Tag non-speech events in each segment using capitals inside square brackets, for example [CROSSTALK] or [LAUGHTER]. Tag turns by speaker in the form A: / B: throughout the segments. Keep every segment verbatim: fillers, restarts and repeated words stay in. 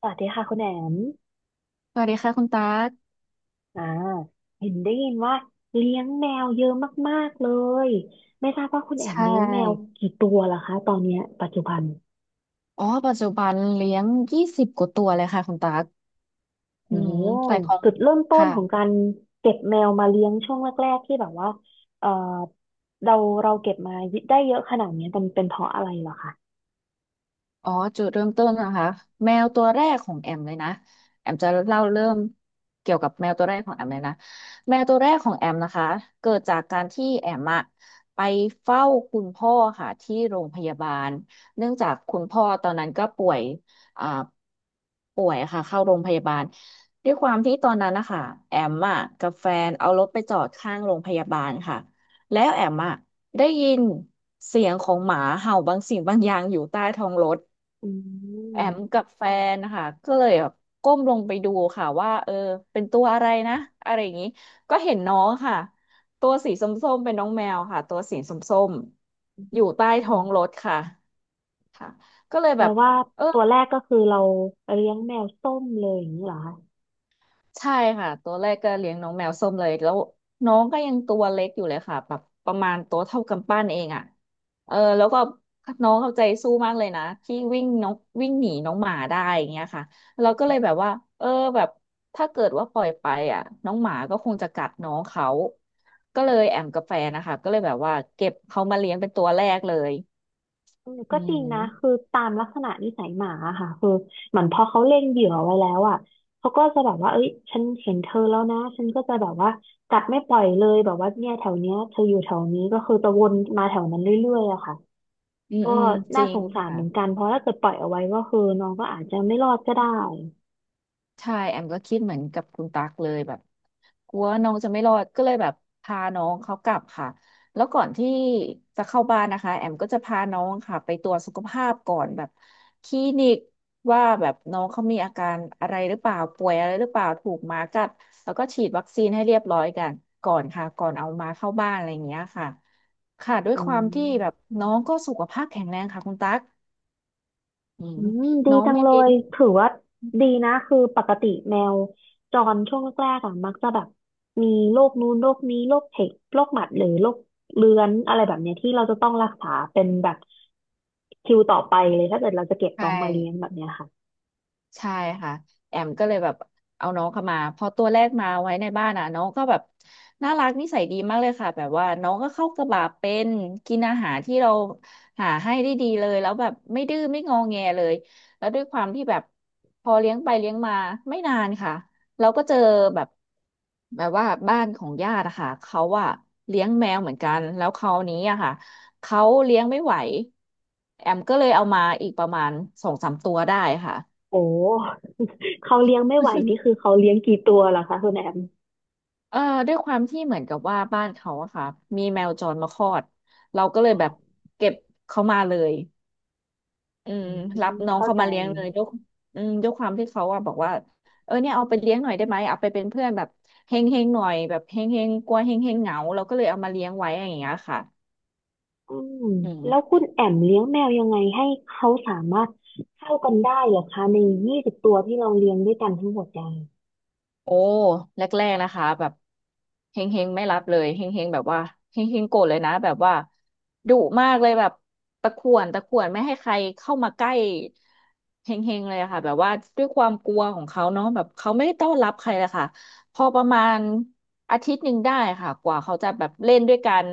A: สวัสดีค่ะคุณแอม
B: สวัสดีค่ะคุณตั๊ก
A: อ่าเห็นได้ยินว่าเลี้ยงแมวเยอะมากๆเลย ไม่ทราบว่าคุณแอม
B: ใช่
A: เลี้ยงแมวกี่ตัวล่ะคะตอนเนี้ยปัจจุบัน
B: อ๋อปัจจุบันเลี้ยงยี่สิบกว่าตัวเลยค่ะคุณตั๊กอื
A: โอ้
B: มแต่ของ
A: จุดเริ่มต้น
B: ค่ะ
A: ของการเก็บแมวมาเลี้ยงช่วงแรกๆที่แบบว่าเออเราเราเก็บมาได้เยอะขนาดเนี้ยมันเป็นเพราะอะไรเหรอคะ
B: อ๋อจุดเริ่มต้นนะคะแมวตัวแรกของแอมเลยนะแอมจะเล่าเริ่มเกี่ยวกับแมวตัวแรกของแอมเลยนะแมวตัวแรกของแอมนะคะเกิดจากการที่แอมอะไปเฝ้าคุณพ่อค่ะที่โรงพยาบาลเนื่องจากคุณพ่อตอนนั้นก็ป่วยอ่าป่วยค่ะเข้าโรงพยาบาลด้วยความที่ตอนนั้นนะคะแอมอะกับแฟนเอารถไปจอดข้างโรงพยาบาลค่ะแล้วแอมอะได้ยินเสียงของหมาเห่าบางสิ่งบางอย่างอยู่ใต้ท้องรถ
A: อื
B: แอม
A: ม
B: กับแฟนนะคะก็เลยแบบก้มลงไปดูค่ะว่าเออเป็นตัวอะไรนะอะไรอย่างนี้ก็เห็นน้องค่ะตัวสีส้มๆเป็นน้องแมวค่ะตัวสีส้มๆอยู่ใต้ท้องรถค่ะค่ะก็เลย
A: แป
B: แบ
A: ล
B: บ
A: ว่า
B: เออ
A: ตัวแรกก็คือเราเลี้ยงแมวส้มเลยอย่างนี้เหรอ
B: ใช่ค่ะตัวแรกก็เลี้ยงน้องแมวส้มเลยแล้วน้องก็ยังตัวเล็กอยู่เลยค่ะแบบประมาณตัวเท่ากำปั้นเองอ่ะเออแล้วก็น้องเอาใจสู้มากเลยนะที่วิ่งน้องวิ่งหนีน้องหมาได้อย่างเงี้ยค่ะเราก็เลยแบบว่าเออแบบถ้าเกิดว่าปล่อยไปอ่ะน้องหมาก็คงจะกัดน้องเขาก็เลยแอมกับแฟนนะคะก็เลยแบบว่าเก็บเขามาเลี้ยงเป็นตัวแรกเลย
A: อืม
B: อื
A: ก็จริงนะคือ
B: ม
A: ตามลักษณะนิสัยหมาอะค่ะคือเหมือนพอเขาเล็งเหยื่อไว้แล้วอ่ะเขาก็จะแบบว่าเอ้ยฉันเห็นเธอแล้วนะฉันก็จะแบบว่ากัดไม่ปล่อยเลยแบบว่าเนี่ยแถวเนี้ยเธออยู่แถวนี้ก็คือจะวนมาแถวนั้นเรื่อยๆอะค่ะ
B: อืม
A: ก็
B: อืมจ
A: น่า
B: ริ
A: ส
B: ง
A: งสาร
B: ค่ะ
A: เหมือนกันเพราะถ้าเกิดปล่อยเอาไว้ก็คือน้องก็อาจจะไม่รอดก็ได้
B: ใช่แอมก็คิดเหมือนกับคุณตั๊กเลยแบบ กลัวน้องจะไม่รอดก็เลยแบบพาน้องเขากลับค่ะแล้วก่อนที่จะเข้าบ้านนะคะแอมก็จะพาน้องค่ะไปตรวจสุขภาพก่อนแบบคลินิกว่าแบบน้องเขามีอาการอะไรหรือเปล่าป่วยอะไรหรือเปล่าถูกหมากัดแล้วก็ฉีดวัคซีนให้เรียบร้อยกันก่อนค่ะก่อนเอามาเข้าบ้านอะไรอย่างเงี้ยค่ะค่ะด้วย
A: อื
B: ความที่แบบ
A: ม
B: น้องก็สุขภาพแข็งแรงค่ะคุณตั๊กอื
A: อื
B: ม
A: มดี
B: น้อง
A: จัง
B: ไม่
A: เล
B: เป็น
A: ยถือว่าดีนะคือปกติแมวจรช่วงแรกๆอะมักจะแบบมีโรคนู้นโรคนี้โรคเห็บโรคหมัดหรือโรคเรื้อนอะไรแบบเนี้ยที่เราจะต้องรักษาเป็นแบบคิวต่อไปเลยถ้าเกิดเราจะเก็บ
B: ใช
A: น้องมาเลี้ยง
B: ่
A: แบบเนี้ยค่ะ
B: ใช่ค่ะแอมก็เลยแบบเอาน้องเข้ามาพอตัวแรกมาไว้ในบ้านอ่ะน้องก็แบบน่ารักนิสัยดีมากเลยค่ะแบบว่าน้องก็เข้ากระบะเป็นกินอาหารที่เราหาให้ได้ดีเลยแล้วแบบไม่ดื้อไม่งอแงเลยแล้วด้วยความที่แบบพอเลี้ยงไปเลี้ยงมาไม่นานค่ะเราก็เจอแบบแบบว่าบ้านของญาติอะค่ะเขาอะเลี้ยงแมวเหมือนกันแล้วคราวนี้อะค่ะเขาเลี้ยงไม่ไหวแอมก็เลยเอามาอีกประมาณสองสามตัวได้ค่ะ
A: โอ้ [LAUGHS] เขาเลี้ยงไม่ไหวนี่คือเขาเลี้ยงกี่ตัวล่ะคะคุณแอม
B: เอ่อด้วยความที่เหมือนกับว่าบ้านเขาอะค่ะมีแมวจรมาคลอดเราก็เลย
A: อ๋อ
B: แบบเก็บเขามาเลยอื
A: อื
B: มรับ
A: ม
B: น้อง
A: เข้า
B: เขา
A: ใจ
B: มาเลี้ยงเลยด้วยอืมด้วยความที่เขาอะบอกว่าเออเนี่ยเอาไปเลี้ยงหน่อยได้ไหมเอาไปเป็นเพื่อนแบบเฮงเฮงหน่อยแบบเฮงเฮงกลัวเฮงเฮงเหงาเราก็เลยเอามาเลี้ยงไว้อย่างเงี้ยค่ะ
A: อืม
B: อื
A: แล้ว
B: ม
A: คุณแอมเลี้ยงแมวยังไงให้เขาสามารถเข้ากันได้เหรอคะในยี่สิบตัวที่เราเลี้ยงด้วยกันทั้งหมดเนี่ย
B: โอ้แรกๆนะคะแบบเฮงเฮงไม่รับเลยเฮงเฮงแบบว่าเฮงเฮงโกรธเลยนะแบบว่าดุมากเลยแบบตะข่วนตะข่วนไม่ให้ใครเข้ามาใกล้เฮงเฮงเลยอะค่ะแบบว่าด้วยความกลัวของเขาเนาะแบบเขาไม่ได้ต้อนรับใครเลยค่ะพอประมาณอาทิตย์หนึ่งได้ค่ะกว่าเขาจะแบบเล่นด้วยกัน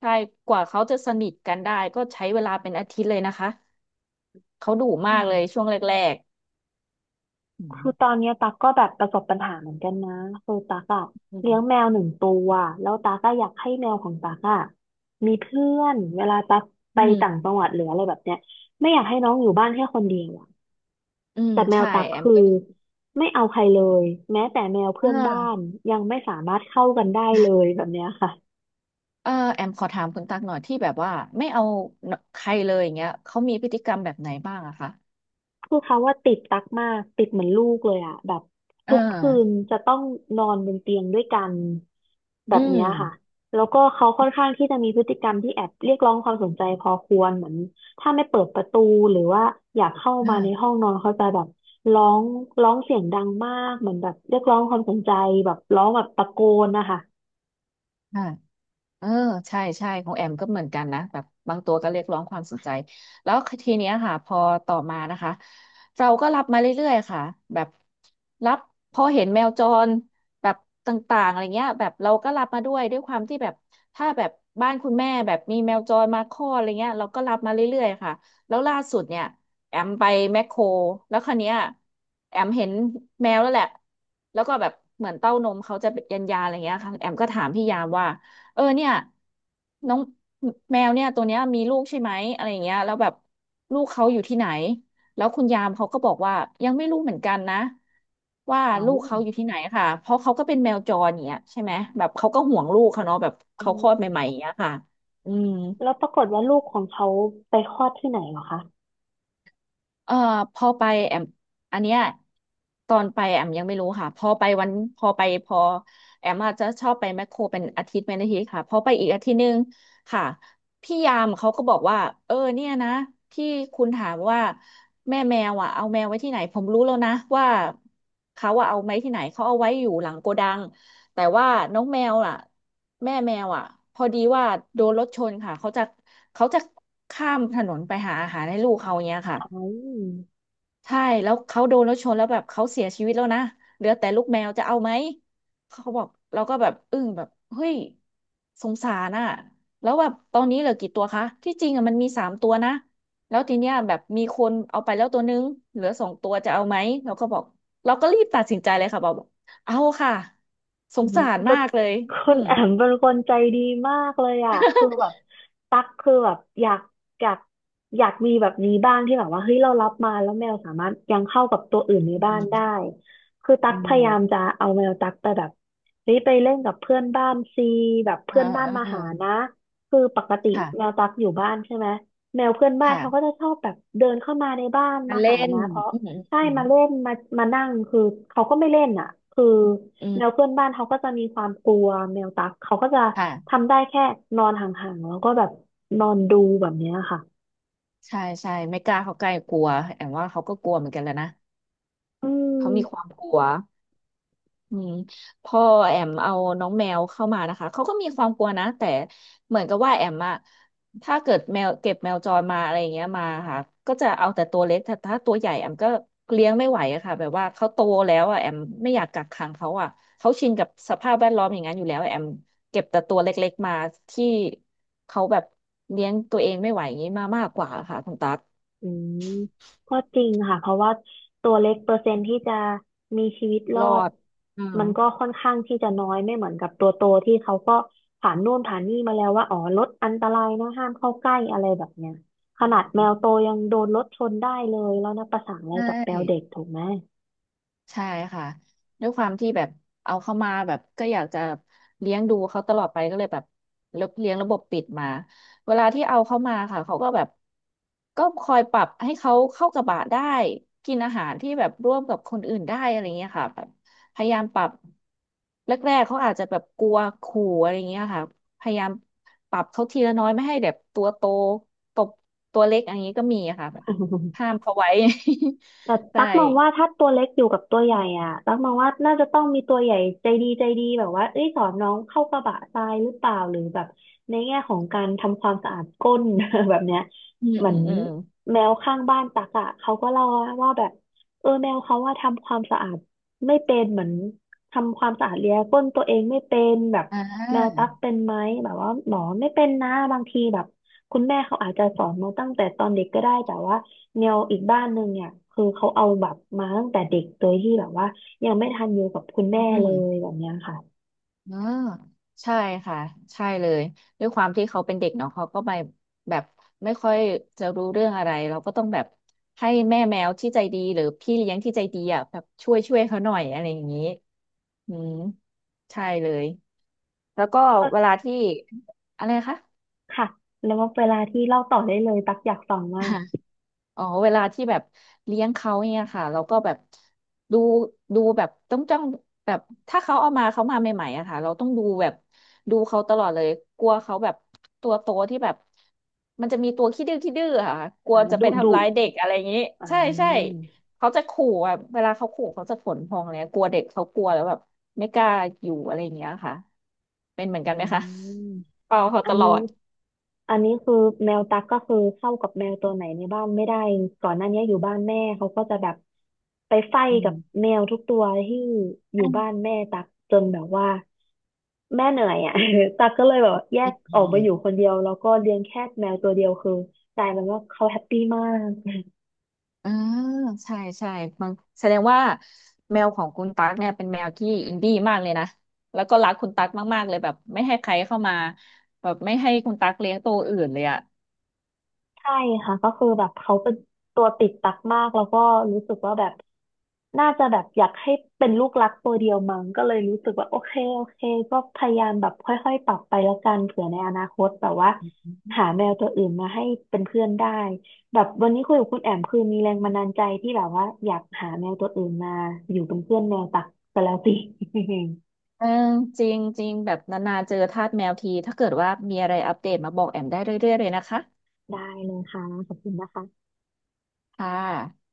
B: ใช่กว่าเขาจะสนิทกันได้ก็ใช้เวลาเป็นอาทิตย์เลยนะคะเขาดุมา
A: อื
B: ก
A: ม
B: เลยช่วงแรกๆอืม
A: คือตอนเนี้ยตั๊กก็แบบประสบปัญหาเหมือนกันนะคือตั๊กอะ
B: อื
A: เลี้ยงแม
B: ม
A: วหนึ่งตัวแล้วตั๊กก็อยากให้แมวของตั๊กอะมีเพื่อนเวลาตั๊กไป
B: อื
A: ต่างจังหวัด
B: ม
A: หรืออะไรแบบเนี้ยไม่อยากให้น้องอยู่บ้านแค่คนเดียวอะ
B: อืม
A: แต่แมว
B: ใช่
A: ตั๊ก
B: แอม
A: คือไม่เอาใครเลยแม้แต่แมว
B: อ่
A: เพื่อนบ้าน
B: า
A: ยังไม่สามารถเข้ากันได้เลยแบบเนี้ยค่ะ
B: เออแอมขอถามคุณตักหน่อยที่แบบว่าไม่เอาใครเลยอย่างเงี้ยเขา มีพฤติกรรมแบบไหนบ้างอะคะ
A: คือเขาว่าติดตักมากติดเหมือนลูกเลยอะแบบ
B: เอ่า
A: ทุกคืนจะต้องนอนบนเตียงด้วยกันแบ
B: อื
A: บเนี้
B: ม
A: ยค่ะแล้วก็เขาค่อนข้างที่จะมีพฤติกรรมที่แอบเรียกร้องความสนใจพอควรเหมือนถ้าไม่เปิดประตูหรือว่าอยากเข้ามาใน
B: อ
A: ห้องนอนเขาจะแบบร้องร้องเสียงดังมากเหมือนแบบเรียกร้องความสนใจแบบร้องแบบตะโกนนะคะ
B: ่า เออใช่ใช่ของแอมก็เหมือนกันนะแบบบางตัวก็เรียกร้องความสนใจแล้วทีเนี้ยค่ะพอต่อมานะคะเราก็รับมาเรื่อยๆค่ะแบบรับพอเห็นแมวจรแบบต่างๆอะไรเงี้ยแบบเราก็รับมาด้วยด้วยความที่แบบถ้าแบบบ้านคุณแม่แบบมีแมวจรมาคลอดอะไรเงี้ยเราก็รับมาเรื่อยๆค่ะแล้วล่าสุดเนี่ยแอมไปแมคโครแล้วคันเนี้ยแอมเห็นแมวแล้วแหละแล้วก็แบบเหมือนเต้านมเขาจะเป็นยันยาอะไรเงี้ยค่ะแอมก็ถามพี่ยามว่า เออเนี่ยน้องแมวเนี่ยตัวเนี้ยมีลูกใช่ไหมอะไรอย่างเงี้ยแล้วแบบลูกเขาอยู่ที่ไหนแล้วคุณยามเขาก็บอกว่ายังไม่รู้เหมือนกันนะว่า
A: เอา
B: ลูกเขาอยู่ที่ไหนค่ะเพราะเขาก็เป็นแมวจรอย่างเงี้ยใช่ไหมแบบเขาก็ห่วงลูกเขาเนาะแบบ
A: อ๋อ
B: เขาคลอดใหม่ๆอย่างเงี้ยค่ะอืม
A: แล้วปรากฏว่าลูกของเขาไปคลอดที่ไหนเหรอคะ
B: เอ่อพอไปแอมอันเนี้ยตอนไปแอมยังไม่รู้ค่ะพอไปวันพอไปพอแอมอาจจะชอบไปแมคโครเป็นอาทิตย์เป็นอาทิตย์ค่ะพอไปอีกอาทิตย์หนึงค่ะพี่ยามเขาก็บอกว่าเออเนี่ยนะที่คุณถามว่าแม่แมวอ่ะเอาแมวไว้ที่ไหนผมรู้แล้วนะว่าเขาว่าเอาไว้ที่ไหนเขาเอาไว้อยู่หลังโกดังแต่ว่าน้องแมวอ่ะแม่แมวอ่ะพอดีว่าโดนรถชนค่ะเขาจะเขาจะข้ามถนนไปหาอาหารให้ลูกเขาอย่างเงี้ยค่ะ
A: เอา
B: ใช่แล้วเขาโดนรถชนแล้วแบบเขาเสียชีวิตแล้วนะเหลือแต่ลูกแมวจะเอาไหมเขาบอกเราก็แบบอึ้งแบบเฮ้ยสงสารน่ะแล้วแบบตอนนี้เหลือกี่ตัวคะที่จริงอ่ะมันมีสามตัวนะแล้วทีเนี้ยแบบมีคนเอาไปแล้วตัวนึงเหลือสองตัวจะเอาไหมเราก็บอกเราก็รีบตัดสินใจเลยค่ะบอกเอาค่ะส
A: อื
B: ง
A: ม
B: สาร
A: ก็
B: มากเลย
A: คุ
B: อื
A: ณ
B: ม
A: แอมเป็นคนใจดีมากเลยอ่ะคือแบบตักคือแบบอยากอยากอยากมีแบบนี้บ้างที่แบบว่าเฮ้ยเรารับมาแล้วแมวสามารถยังเข้ากับตัวอื่นใน
B: อื
A: บ้านได้
B: ม
A: คือตั
B: อื
A: กพยายาม
B: ม
A: จะเอาแมวตักไปแบบเฮ้ยไปเล่นกับเพื่อนบ้านซีแบบ
B: อ่า
A: เพื่อนบ้าน
B: อ่า
A: มา
B: อ่า
A: หานะคือปกติแมว
B: ค่ะ
A: ตักอยู่บ้านใช่ไหมแมวเพื่อนบ้าน
B: ค่ะ
A: เขาก็จะชอบแบบเดินเข้ามาในบ้าน
B: มา
A: มา
B: เล่
A: หา
B: น
A: นะเพราะ
B: อืม
A: ใช่
B: อืม
A: มาเล่นมามานั่งคือเขาก็ไม่เล่นอ่ะคือ
B: อื
A: แมว
B: ม
A: เพื่อนบ้านเขาก็จะมีความกลัวแมวตักเขาก็จะ
B: ค่ะ
A: ทำได้แค่นอนห่างๆ แล้วก็แบบนอนดูแบบเนี้ยค่ะ
B: ใช่ใช่ไม่กล้าเขาใกล้กลัวแอมว่าเขาก็กลัวเหมือนกันแหล้วนะ
A: อื
B: เขามีควา
A: ม
B: มกลัวอืมพอแอมเอาน้องแมวเข้ามานะคะเขาก็มีความกลัวนะแต่เหมือนกับว่าแอมอะถ้าเกิดแมวเก็บแมวจรมาอะไรอย่างเงี้ยมาค่ะก็จะเอาแต่ตัวเล็กแต่ถ้าตัวใหญ่แอมก็เลี้ยงไม่ไหวอะค่ะแบบว่าเขาโตแล้วอะแอมไม่อยากกักขังเขาอะเขาชินกับสภาพแวดล้อมอย่างนั้นอยู่แล้วแอมเก็บแต่ตัวเล็กๆมาที่เขาแบบเลี้ยงตัวเองไม่ไหวอย่างนี้มามากกว่าค่ะคุณตั๊ก
A: อืมก็จริงค่ะเพราะว่าตัวเล็กเปอร์เซ็นต์ที่จะมีชีวิตร
B: ร
A: อ
B: อ
A: ด
B: ดอื
A: มันก็ค่อนข้างที่จะน้อยไม่เหมือนกับตัวโตที่เขาก็ผ่านนู่นผ่านนี่มาแล้วว่าอ๋อรถอันตรายนะห้ามเข้าใกล้อะไรแบบเนี้ยข
B: อื
A: นาดแม
B: ม
A: วโตยังโดนรถชนได้เลยแล้วนะประสานอะไร
B: ใช่
A: กับแมวเด็กถูกไหม
B: ใช่ค่ะด้วยความที่แบบเอาเข้ามาแบบก็อยากจะเลี้ยงดูเขาตลอดไปก็เลยแบบเลี้ยงระบบปิดมาเวลาที่เอาเข้ามาค่ะเขาก็แบบก็คอยปรับให้เขาเข้ากับบะได้กินอาหารที่แบบร่วมกับคนอื่นได้อะไรเงี้ยค่ะแบบพยายามปรับแรกๆเขาอาจจะแบบกลัวขู่อะไรเงี้ยค่ะพยายามปรับเขาทีละน้อยไม่ให้แบบตัวโตตบตัวเล็กอันนี้ก็มีอะค่ะแบบ
A: [LAUGHS]
B: ห้ามเขาไว้
A: แต่
B: [LAUGHS] ใช่
A: ตั๊กมองว่าถ้าตัวเล็กอยู่กับตัวใหญ่อ่ะตั๊กมองว่าน่าจะต้องมีตัวใหญ่ใจดีใจดีแบบว่าเอ้ยสอนน้องเข้ากระบะทรายหรือเปล่าหรือแบบในแง่ของการทำความสะอาดก้น [LAUGHS] แบบเนี้ย
B: อืม
A: เหมือ
B: อื
A: น
B: มอืม
A: แมวข้างบ้านตั๊กอ่ะเขาก็เล่าว่าแบบเออแมวเขาว่าทำความสะอาดไม่เป็นเหมือน ทำความสะอาดเลียก้นตัวเองไม่เป็นแบบ
B: อ่
A: แมว
B: า
A: ตั๊กเป็นไหมแบบว่าหมอไม่เป็นนะบางทีแบบคุณแม่เขาอาจจะสอนมาตั้งแต่ตอนเด็กก็ได้แต่ว่าแมวอีกบ้านหนึ่งเนี่ยคือเขาเอาแบบมาตั้งแต่เด็กโดยที่แบบว่ายังไม่ทันอยู่กับคุณ
B: อื
A: แม่เล
B: ม
A: ยแบบเนี้ยค่ะ
B: เออใช่ค่ะ ใช่เลยด้วยความที่เขาเป็นเด็กเนาะเขาก็ไปแบบไม่ค่อยจะรู้เรื่องอะไรเราก็ต้องแบบให้แม่แมวที่ใจดีหรือพี่เลี้ยงที่ใจดีอ่ะแบบช่วยช่วยเขาหน่อยอะไรอย่างนี้อืมใช่เลยแล้วก็
A: ก็
B: เวลาที่อะไรนะคะ
A: ค่ะแล้วว่าเวลาที่เล่าต่อได้เลยตักอยากฟังมาก
B: อ๋อเวลาที่แบบเลี้ยงเขาเนี่ยค่ะเราก็แบบดูดูแบบต้องจ้องแบบถ้าเขาเอามาเขามาใหม่ๆอะค่ะเราต้องดูแบบดูเขาตลอดเลยกลัวเขาแบบตัวโตที่แบบมันจะมีตัวขี้ดื้อขี้ดื้ออะค่ะกลัว
A: อ่า
B: จะไป
A: ดุดุ
B: ทำร้ายเด็กอะไรอย่างนี้
A: อ่
B: ใช่ใช่
A: า
B: เขาจะขู่อะเวลาเขาขู่เขาจะขนพองเลยกลัวเด็กเขากลัวแล้วแบบไม่กล้าอยู่อะไรอย่างเงี้ยค่ะเป็นเหมือนกัน
A: อื
B: ไหมคะ
A: ม
B: เฝ้าเขา
A: อั
B: ต
A: น
B: ลอ
A: นี้
B: ด
A: อันนี้คือแมวตั๊กก็คือเข้ากับแมวตัวไหนในบ้านไม่ได้ก่อนหน้านี้อยู่บ้านแม่เขาก็จะแบบไปไฟ
B: อื
A: กับ
B: ม
A: แมวทุกตัวที่อยู่บ้านแม่ตั๊กจนแบบว่าแม่เหนื่อยอ่ะ [LAUGHS] ตั๊กก็เลยแบบแย
B: อื
A: กออกมาอยู่
B: ม
A: คนเดียวแล้วก็เลี้ยงแค่แมวตัวเดียวคือกลายเป็นว่าเขาแฮปปี้มาก
B: อ่าใช่ใช่บางแสดงว่าแมวของคุณตั๊กเนี่ยเป็นแมวที่อินดี้มากเลยนะแล้วก็รักคุณตั๊กมากๆเลยแบบไม่ให้ใครเข้ามาแบบไม่ให้คุณตั๊กเลี้ยงตัวอื่นเลยอ่ะ
A: ใช่ค่ะก็คือแบบเขาเป็นตัวติดตักมากแล้วก็รู้สึกว่าแบบน่าจะแบบอยากให้เป็นลูกรักตัวเดียวมั้งก็เลยรู้สึกว่าโอเคโอเคก็พยายามแบบค่อยๆปรับไปแล้วกันเผื่อในอนาคตแบบว่าหาแมวตัวอื่นมาให้เป็นเพื่อนได้แบบวันนี้คุยกับคุณแอมคือมีแรงบันดาลใจที่แบบว่าอยากหาแมวตัวอื่นมาอยู่เป็นเพื่อนแมวตักไปแล้วสิ
B: เออจริงจริงแบบนานๆเจอทาสแมวทีถ้าเกิดว่ามีอะไรอัปเดตมาบอกแอมได้เรื่อยๆเลยนะคะ
A: [LAUGHS] ได้เลยค่ะขอบคุณนะคะ
B: ค่ะ